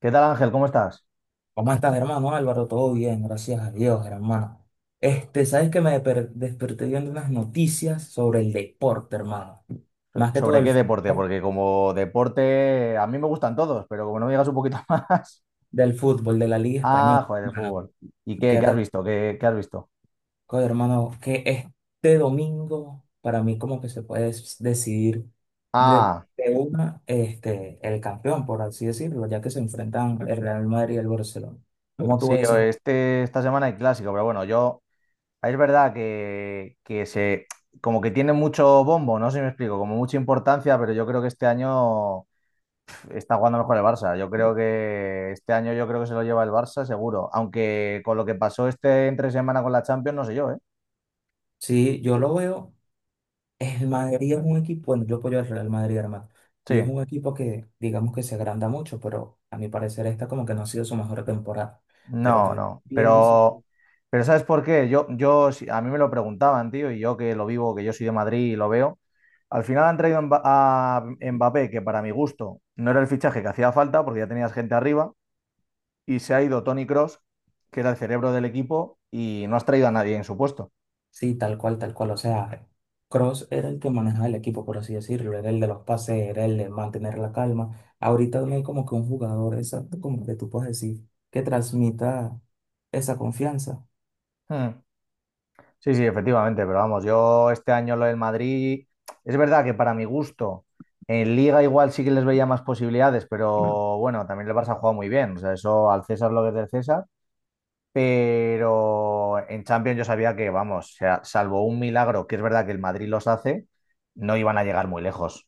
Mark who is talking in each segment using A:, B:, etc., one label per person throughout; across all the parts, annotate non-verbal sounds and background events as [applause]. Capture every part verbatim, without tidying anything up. A: ¿Qué tal Ángel? ¿Cómo estás?
B: ¿Cómo estás, hermano Álvaro? Todo bien, gracias a Dios, hermano. Este, sabes que me deper- desperté viendo unas noticias sobre el deporte, hermano. Más que todo
A: ¿Sobre
B: el
A: qué deporte?
B: fútbol,
A: Porque como deporte a mí me gustan todos, pero como no me digas un poquito [laughs] más.
B: del fútbol, de la Liga Española,
A: Ah, joder, el
B: hermano.
A: fútbol. ¿Y qué,
B: ¿Qué
A: qué has
B: tal,
A: visto? ¿Qué, qué has visto?
B: co- hermano? Que este domingo, para mí, como que se puede des- decidir de,
A: Ah,
B: de una, este, el campeón, por así decirlo, ya que se enfrentan el Real Madrid y el Barcelona. ¿Cómo tú
A: sí,
B: ves
A: o
B: ese juego?
A: este, esta semana hay clásico, pero bueno, yo, es verdad que, que se, como que tiene mucho bombo, no sé si me explico, como mucha importancia, pero yo creo que este año está jugando mejor el Barça. Yo creo que este año yo creo que se lo lleva el Barça, seguro. Aunque con lo que pasó este entre semana con la Champions, no sé yo, ¿eh?
B: Sí, yo lo veo. El Madrid es un equipo, bueno, yo apoyo al Real Madrid, hermano, y es
A: Sí.
B: un equipo que digamos que se agranda mucho, pero a mi parecer esta como que no ha sido su mejor temporada. Pero
A: No,
B: también
A: no,
B: pienso,
A: pero, pero ¿sabes por qué? Yo, yo, si- a mí me lo preguntaban, tío, y yo que lo vivo, que yo soy de Madrid y lo veo. Al final han traído a Mba- a Mbappé, que para mi gusto no era el fichaje que hacía falta, porque ya tenías gente arriba, y se ha ido Tony Cross, que era el cerebro del equipo, y no has traído a nadie en su puesto.
B: sí, tal cual, tal cual, o sea, Cross era el que manejaba el equipo, por así decirlo, era el de los pases, era el de mantener la calma. Ahorita no hay como que un jugador exacto como que tú puedes decir que transmita esa confianza.
A: Hmm. Sí, sí, efectivamente, pero vamos, yo este año lo del Madrid, es verdad que para mi gusto, en Liga igual sí que les veía más posibilidades, pero bueno, también el Barça ha jugado muy bien, o sea, eso al César lo que es del César, pero en Champions yo sabía que, vamos, o sea, salvo un milagro, que es verdad que el Madrid los hace, no iban a llegar muy lejos.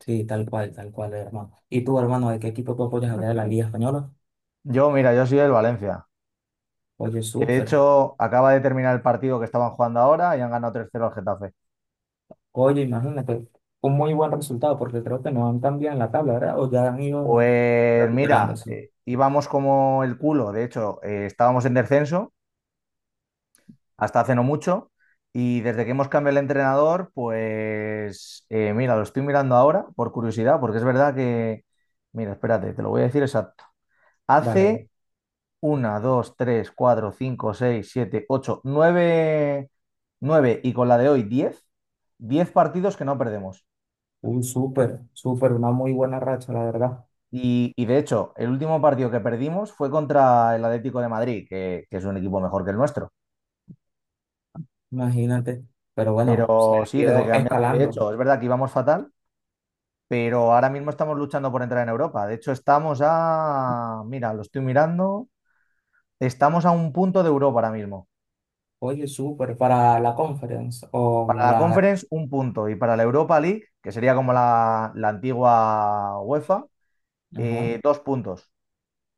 B: Sí, tal cual, tal cual, hermano. ¿Y tú, hermano, de qué equipo tú apoyas a de la Liga Española?
A: Yo, mira, yo soy del Valencia,
B: Oye,
A: que de
B: súper.
A: hecho acaba de terminar el partido que estaban jugando ahora y han ganado tres cero al Getafe.
B: Oye, imagínate, un muy buen resultado porque creo que no han cambiado en la tabla, ¿verdad? O ya han ido
A: Pues mira,
B: recuperándose.
A: eh, íbamos como el culo, de hecho, eh, estábamos en descenso hasta hace no mucho y desde que hemos cambiado el entrenador, pues eh, mira, lo estoy mirando ahora por curiosidad, porque es verdad que, mira, espérate, te lo voy a decir exacto.
B: Vale,
A: Hace una dos tres cuatro cinco seis siete ocho nueve nueve y con la de hoy diez diez partidos que no perdemos.
B: un súper, súper, una muy buena racha, la verdad.
A: Y, y de hecho, el último partido que perdimos fue contra el Atlético de Madrid, que, que es un equipo mejor que el nuestro.
B: Imagínate. Pero bueno, se ha
A: Pero sí, desde que
B: ido
A: cambiamos, y de
B: escalando.
A: hecho, es verdad que íbamos fatal, pero ahora mismo estamos luchando por entrar en Europa. De hecho, estamos a, mira, lo estoy mirando, estamos a un punto de Europa ahora mismo.
B: Oye, súper, para la conference o
A: Para la
B: la...
A: Conference, un punto. Y para la Europa League, que sería como la, la antigua UEFA,
B: Ajá,
A: eh, dos puntos.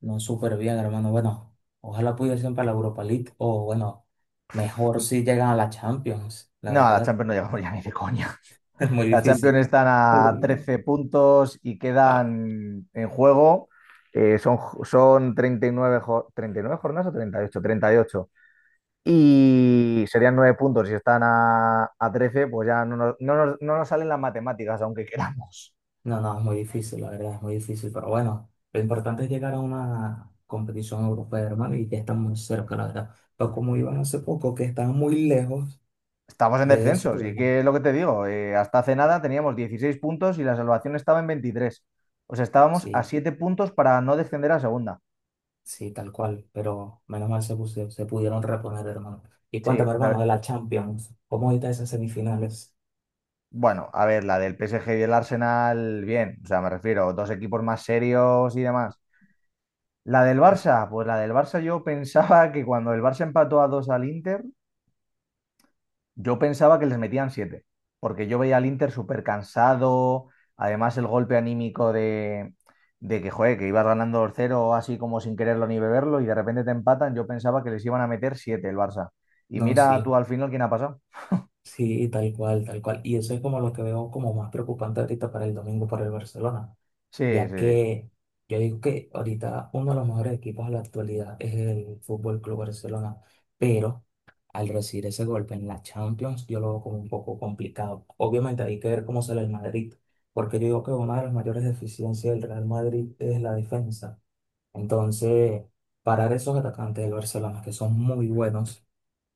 B: no, súper bien, hermano. Bueno, ojalá pudiesen para la Europa League o bueno, mejor si llegan a la Champions, la
A: No, a la
B: verdad.
A: Champions no
B: [laughs]
A: llegamos ya ni de coña.
B: Es muy
A: La Champions
B: difícil.
A: están a trece puntos y
B: [laughs]
A: quedan en juego. eh, son, son treinta y nueve, jo- treinta y nueve jornadas o treinta y ocho treinta Y ocho y serían nueve puntos. Si están a, a trece, pues ya no nos, no nos- no nos salen las matemáticas, aunque queramos.
B: No, no, es muy difícil, la verdad, es muy difícil, pero bueno, lo importante es llegar a una competición europea, hermano, y que están muy cerca, la verdad. Pero como iban hace poco, que están muy lejos
A: Estamos en
B: de eso,
A: descensos. Y
B: bueno,
A: que es lo que te digo, eh, hasta hace nada teníamos dieciséis puntos y la salvación estaba en veintitrés. O sea, estábamos a
B: sí,
A: siete puntos para no descender a segunda.
B: sí, tal cual, pero menos mal se, puse- se pudieron reponer, hermano. Y
A: Sí,
B: cuéntame, hermano,
A: la-
B: de la Champions, ¿cómo ahorita esas semifinales?
A: bueno, a ver, la del P S G y el Arsenal, bien, o sea, me refiero, dos equipos más serios y demás. La del Barça, pues la del Barça yo pensaba que cuando el Barça empató a dos al Inter, yo pensaba que les metían siete, porque yo veía al Inter súper cansado, además el golpe anímico de, de que, joder, que ibas ganando dos cero, así como sin quererlo ni beberlo y de repente te empatan, yo pensaba que les iban a meter siete el Barça. Y
B: No, sí,
A: mira tú al final quién ha pasado.
B: sí, tal cual, tal cual. Y eso es como lo que veo como más preocupante ahorita para el domingo para el Barcelona,
A: Sí, sí,
B: ya
A: sí.
B: que yo digo que ahorita uno de los mejores equipos a la actualidad es el Fútbol Club Barcelona, pero al recibir ese golpe en la Champions, yo lo veo como un poco complicado. Obviamente hay que ver cómo sale el Madrid, porque yo digo que una de las mayores deficiencias del Real Madrid es la defensa. Entonces, parar esos atacantes del Barcelona, que son muy buenos,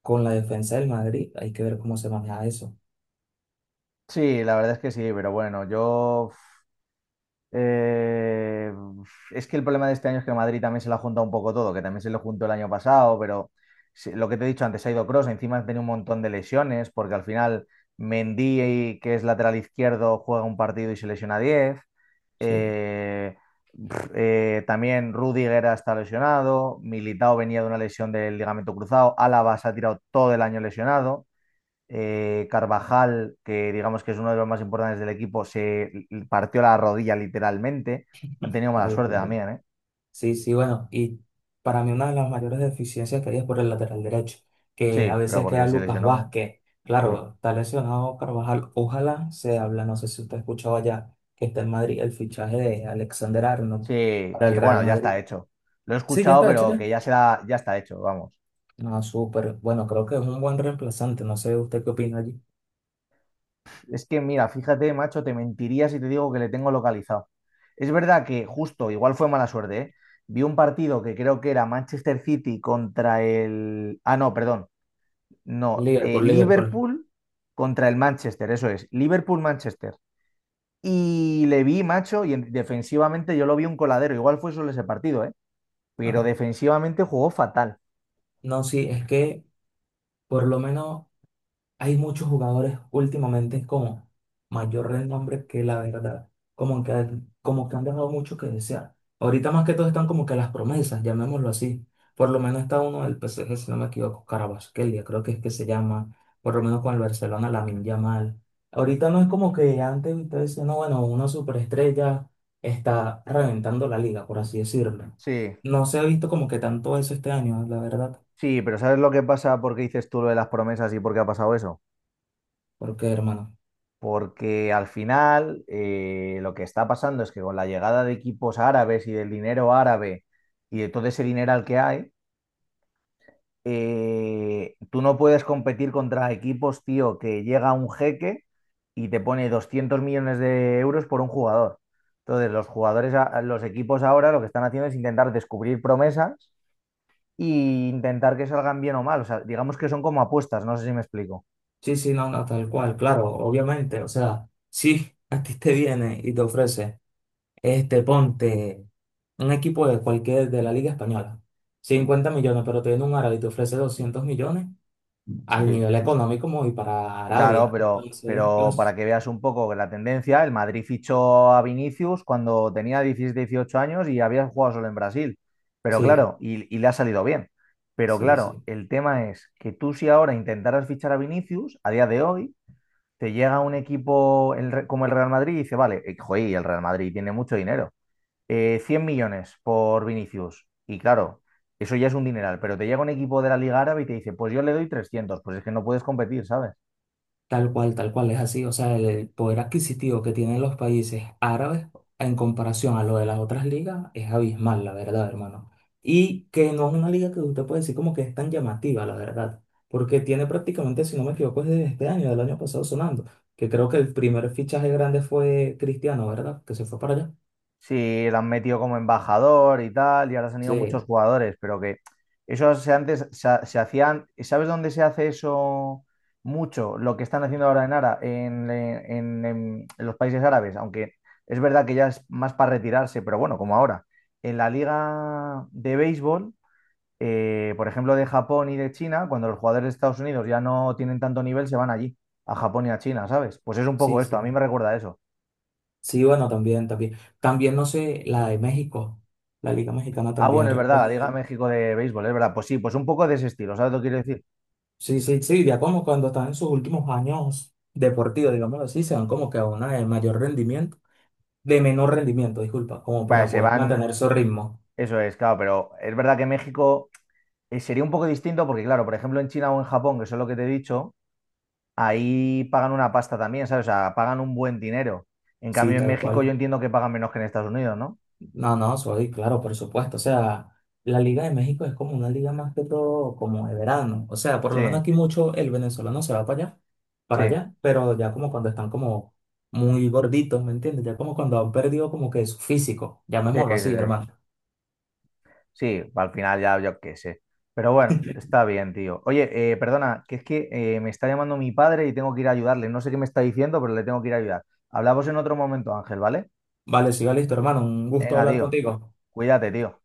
B: con la defensa del Madrid, hay que ver cómo se maneja eso.
A: Sí, la verdad es que sí, pero bueno, yo Eh, es que el problema de este año es que el Madrid también se lo ha juntado un poco todo, que también se lo juntó el año pasado, pero se- lo que te he dicho antes, ha ido Kroos, encima ha tenido un montón de lesiones, porque al final Mendy, que es lateral izquierdo, juega un partido y se lesiona diez.
B: Sí,
A: Eh, pf, eh, también Rudiger está lesionado, Militao venía de una lesión del ligamento cruzado, Álava se ha tirado todo el año lesionado. Eh, Carvajal, que digamos que es uno de los más importantes del equipo, se partió la rodilla literalmente. Han tenido mala
B: tal
A: suerte
B: cual.
A: también, ¿eh?
B: Sí, sí, bueno, y para mí una de las mayores deficiencias que hay es por el lateral derecho, que a
A: Sí, pero
B: veces
A: porque
B: queda
A: se
B: Lucas
A: lesionó.
B: Vázquez.
A: Sí,
B: Claro, está lesionado Carvajal, ojalá se habla, no sé si usted ha escuchado allá que está en Madrid el fichaje de Alexander Arnold
A: sí,
B: para el
A: sí,
B: Real
A: bueno, ya
B: Madrid.
A: está hecho. Lo he
B: Sí, ya
A: escuchado,
B: está hecho
A: pero
B: ya.
A: que ya será, ya está hecho, vamos.
B: No, súper. Bueno, creo que es un buen reemplazante, no sé usted qué opina allí.
A: Es que, mira, fíjate, macho, te mentiría si te digo que le tengo localizado. Es verdad que justo, igual fue mala suerte, ¿eh? Vi un partido que creo que era Manchester City contra el. Ah, no, perdón. No, eh,
B: Liverpool, Liverpool.
A: Liverpool contra el Manchester, eso es, Liverpool-Manchester. Y le vi, macho, y en- defensivamente yo lo vi un coladero, igual fue solo ese partido, ¿eh? Pero
B: Ajá.
A: defensivamente jugó fatal.
B: No, sí, es que por lo menos hay muchos jugadores últimamente como mayor renombre que la verdad, como que, han- como que han dejado mucho que desear. Ahorita más que todo están como que las promesas, llamémoslo así. Por lo menos está uno del P S G, si no me equivoco, Carabasquelia, creo que es que se llama, por lo menos con el Barcelona, Lamine Yamal. Ahorita no es como que antes ustedes decían, no, bueno, una superestrella está reventando la liga, por así decirlo.
A: Sí,
B: No se ha visto como que tanto eso este año, la verdad,
A: sí, pero ¿sabes lo que pasa? ¿Por qué dices tú lo de las promesas y por qué ha pasado eso?
B: porque hermano.
A: Porque al final eh, lo que está pasando es que con la llegada de equipos árabes y del dinero árabe y de todo ese dinero al que hay, eh, tú no puedes competir contra equipos, tío, que llega un jeque y te pone doscientos millones de euros por un jugador. Entonces, los jugadores, a- los equipos ahora lo que están haciendo es intentar descubrir promesas e intentar que salgan bien o mal. O sea, digamos que son como apuestas, no sé si me explico.
B: Sí, sí, no, no, tal cual, claro, obviamente, o sea, sí, [laughs] a ti te viene y te ofrece, este, ponte un equipo de cualquier de la Liga Española, cincuenta millones, pero te viene un árabe y te ofrece doscientos millones al
A: Sí.
B: nivel económico como y para
A: Claro,
B: Arabia.
A: pero,
B: Entonces,
A: pero
B: los,
A: para que veas un poco la tendencia, el Madrid fichó a Vinicius cuando tenía diecisiete, dieciocho años y había jugado solo en Brasil. Pero
B: sí,
A: claro, y, y le ha salido bien. Pero
B: sí,
A: claro,
B: sí.
A: el tema es que tú si ahora intentaras fichar a Vinicius, a día de hoy, te llega un equipo el Re- como el Real Madrid y dice, vale, eh, joder, y el Real Madrid tiene mucho dinero. Eh, 100 millones por Vinicius. Y claro, eso ya es un dineral, pero te llega un equipo de la Liga Árabe y te dice, pues yo le doy trescientos, pues es que no puedes competir, ¿sabes?
B: Tal cual, tal cual es así. O sea, el, el poder adquisitivo que tienen los países árabes en comparación a lo de las otras ligas es abismal, la verdad, hermano. Y que no es una liga que usted puede decir como que es tan llamativa, la verdad. Porque tiene prácticamente, si no me equivoco, es de este año, del año pasado sonando. Que creo que el primer fichaje grande fue Cristiano, ¿verdad? Que se fue para allá.
A: Sí, lo han metido como embajador y tal, y ahora se han ido muchos
B: Sí,
A: jugadores, pero que eso se antes se, ha- se hacían, ¿sabes dónde se hace eso mucho? Lo que están haciendo ahora en Ara, en, en- en- en los países árabes, aunque es verdad que ya es más para retirarse, pero bueno, como ahora. En la liga de béisbol, eh, por ejemplo, de Japón y de China, cuando los jugadores de Estados Unidos ya no tienen tanto nivel, se van allí, a Japón y a China, ¿sabes? Pues es un poco
B: sí,
A: esto, a
B: sí.
A: mí me recuerda a eso.
B: Sí, bueno, también, también. También, no sé, la de México, la Liga Mexicana
A: Ah, bueno,
B: también
A: es verdad, la Liga
B: recoge.
A: México de béisbol, es verdad. Pues sí, pues un poco de ese estilo, ¿sabes lo que quiero decir?
B: Sí, sí, sí, ya como cuando están en sus últimos años deportivos, digámoslo así, se van como que a una de mayor rendimiento, de menor rendimiento, disculpa, como
A: Vale,
B: para
A: se
B: poder
A: van,
B: mantener su ritmo.
A: eso es, claro, pero es verdad que México eh, sería un poco distinto porque, claro, por ejemplo, en China o en Japón, que eso es lo que te he dicho, ahí pagan una pasta también, ¿sabes? O sea, pagan un buen dinero. En
B: Sí,
A: cambio, en
B: tal
A: México yo
B: cual.
A: entiendo que pagan menos que en Estados Unidos, ¿no?
B: No, no, soy, claro, por supuesto. O sea, la Liga de México es como una liga más que todo como de verano. O sea, por
A: Sí,
B: lo menos aquí mucho el venezolano se va para allá, para
A: sí,
B: allá, pero ya como cuando están como muy gorditos, ¿me entiendes? Ya como cuando han perdido como que su físico,
A: sí, sí,
B: llamémoslo así,
A: sí.
B: hermano.
A: Sí, al final ya yo qué sé. Pero bueno, está bien, tío. Oye, eh, perdona, que es que eh, me está llamando mi padre y tengo que ir a ayudarle. No sé qué me está diciendo, pero le tengo que ir a ayudar. Hablamos en otro momento, Ángel, ¿vale?
B: Vale, sí, va listo, hermano. Un gusto
A: Venga,
B: hablar
A: tío. cu-
B: contigo.
A: cuídate, tío.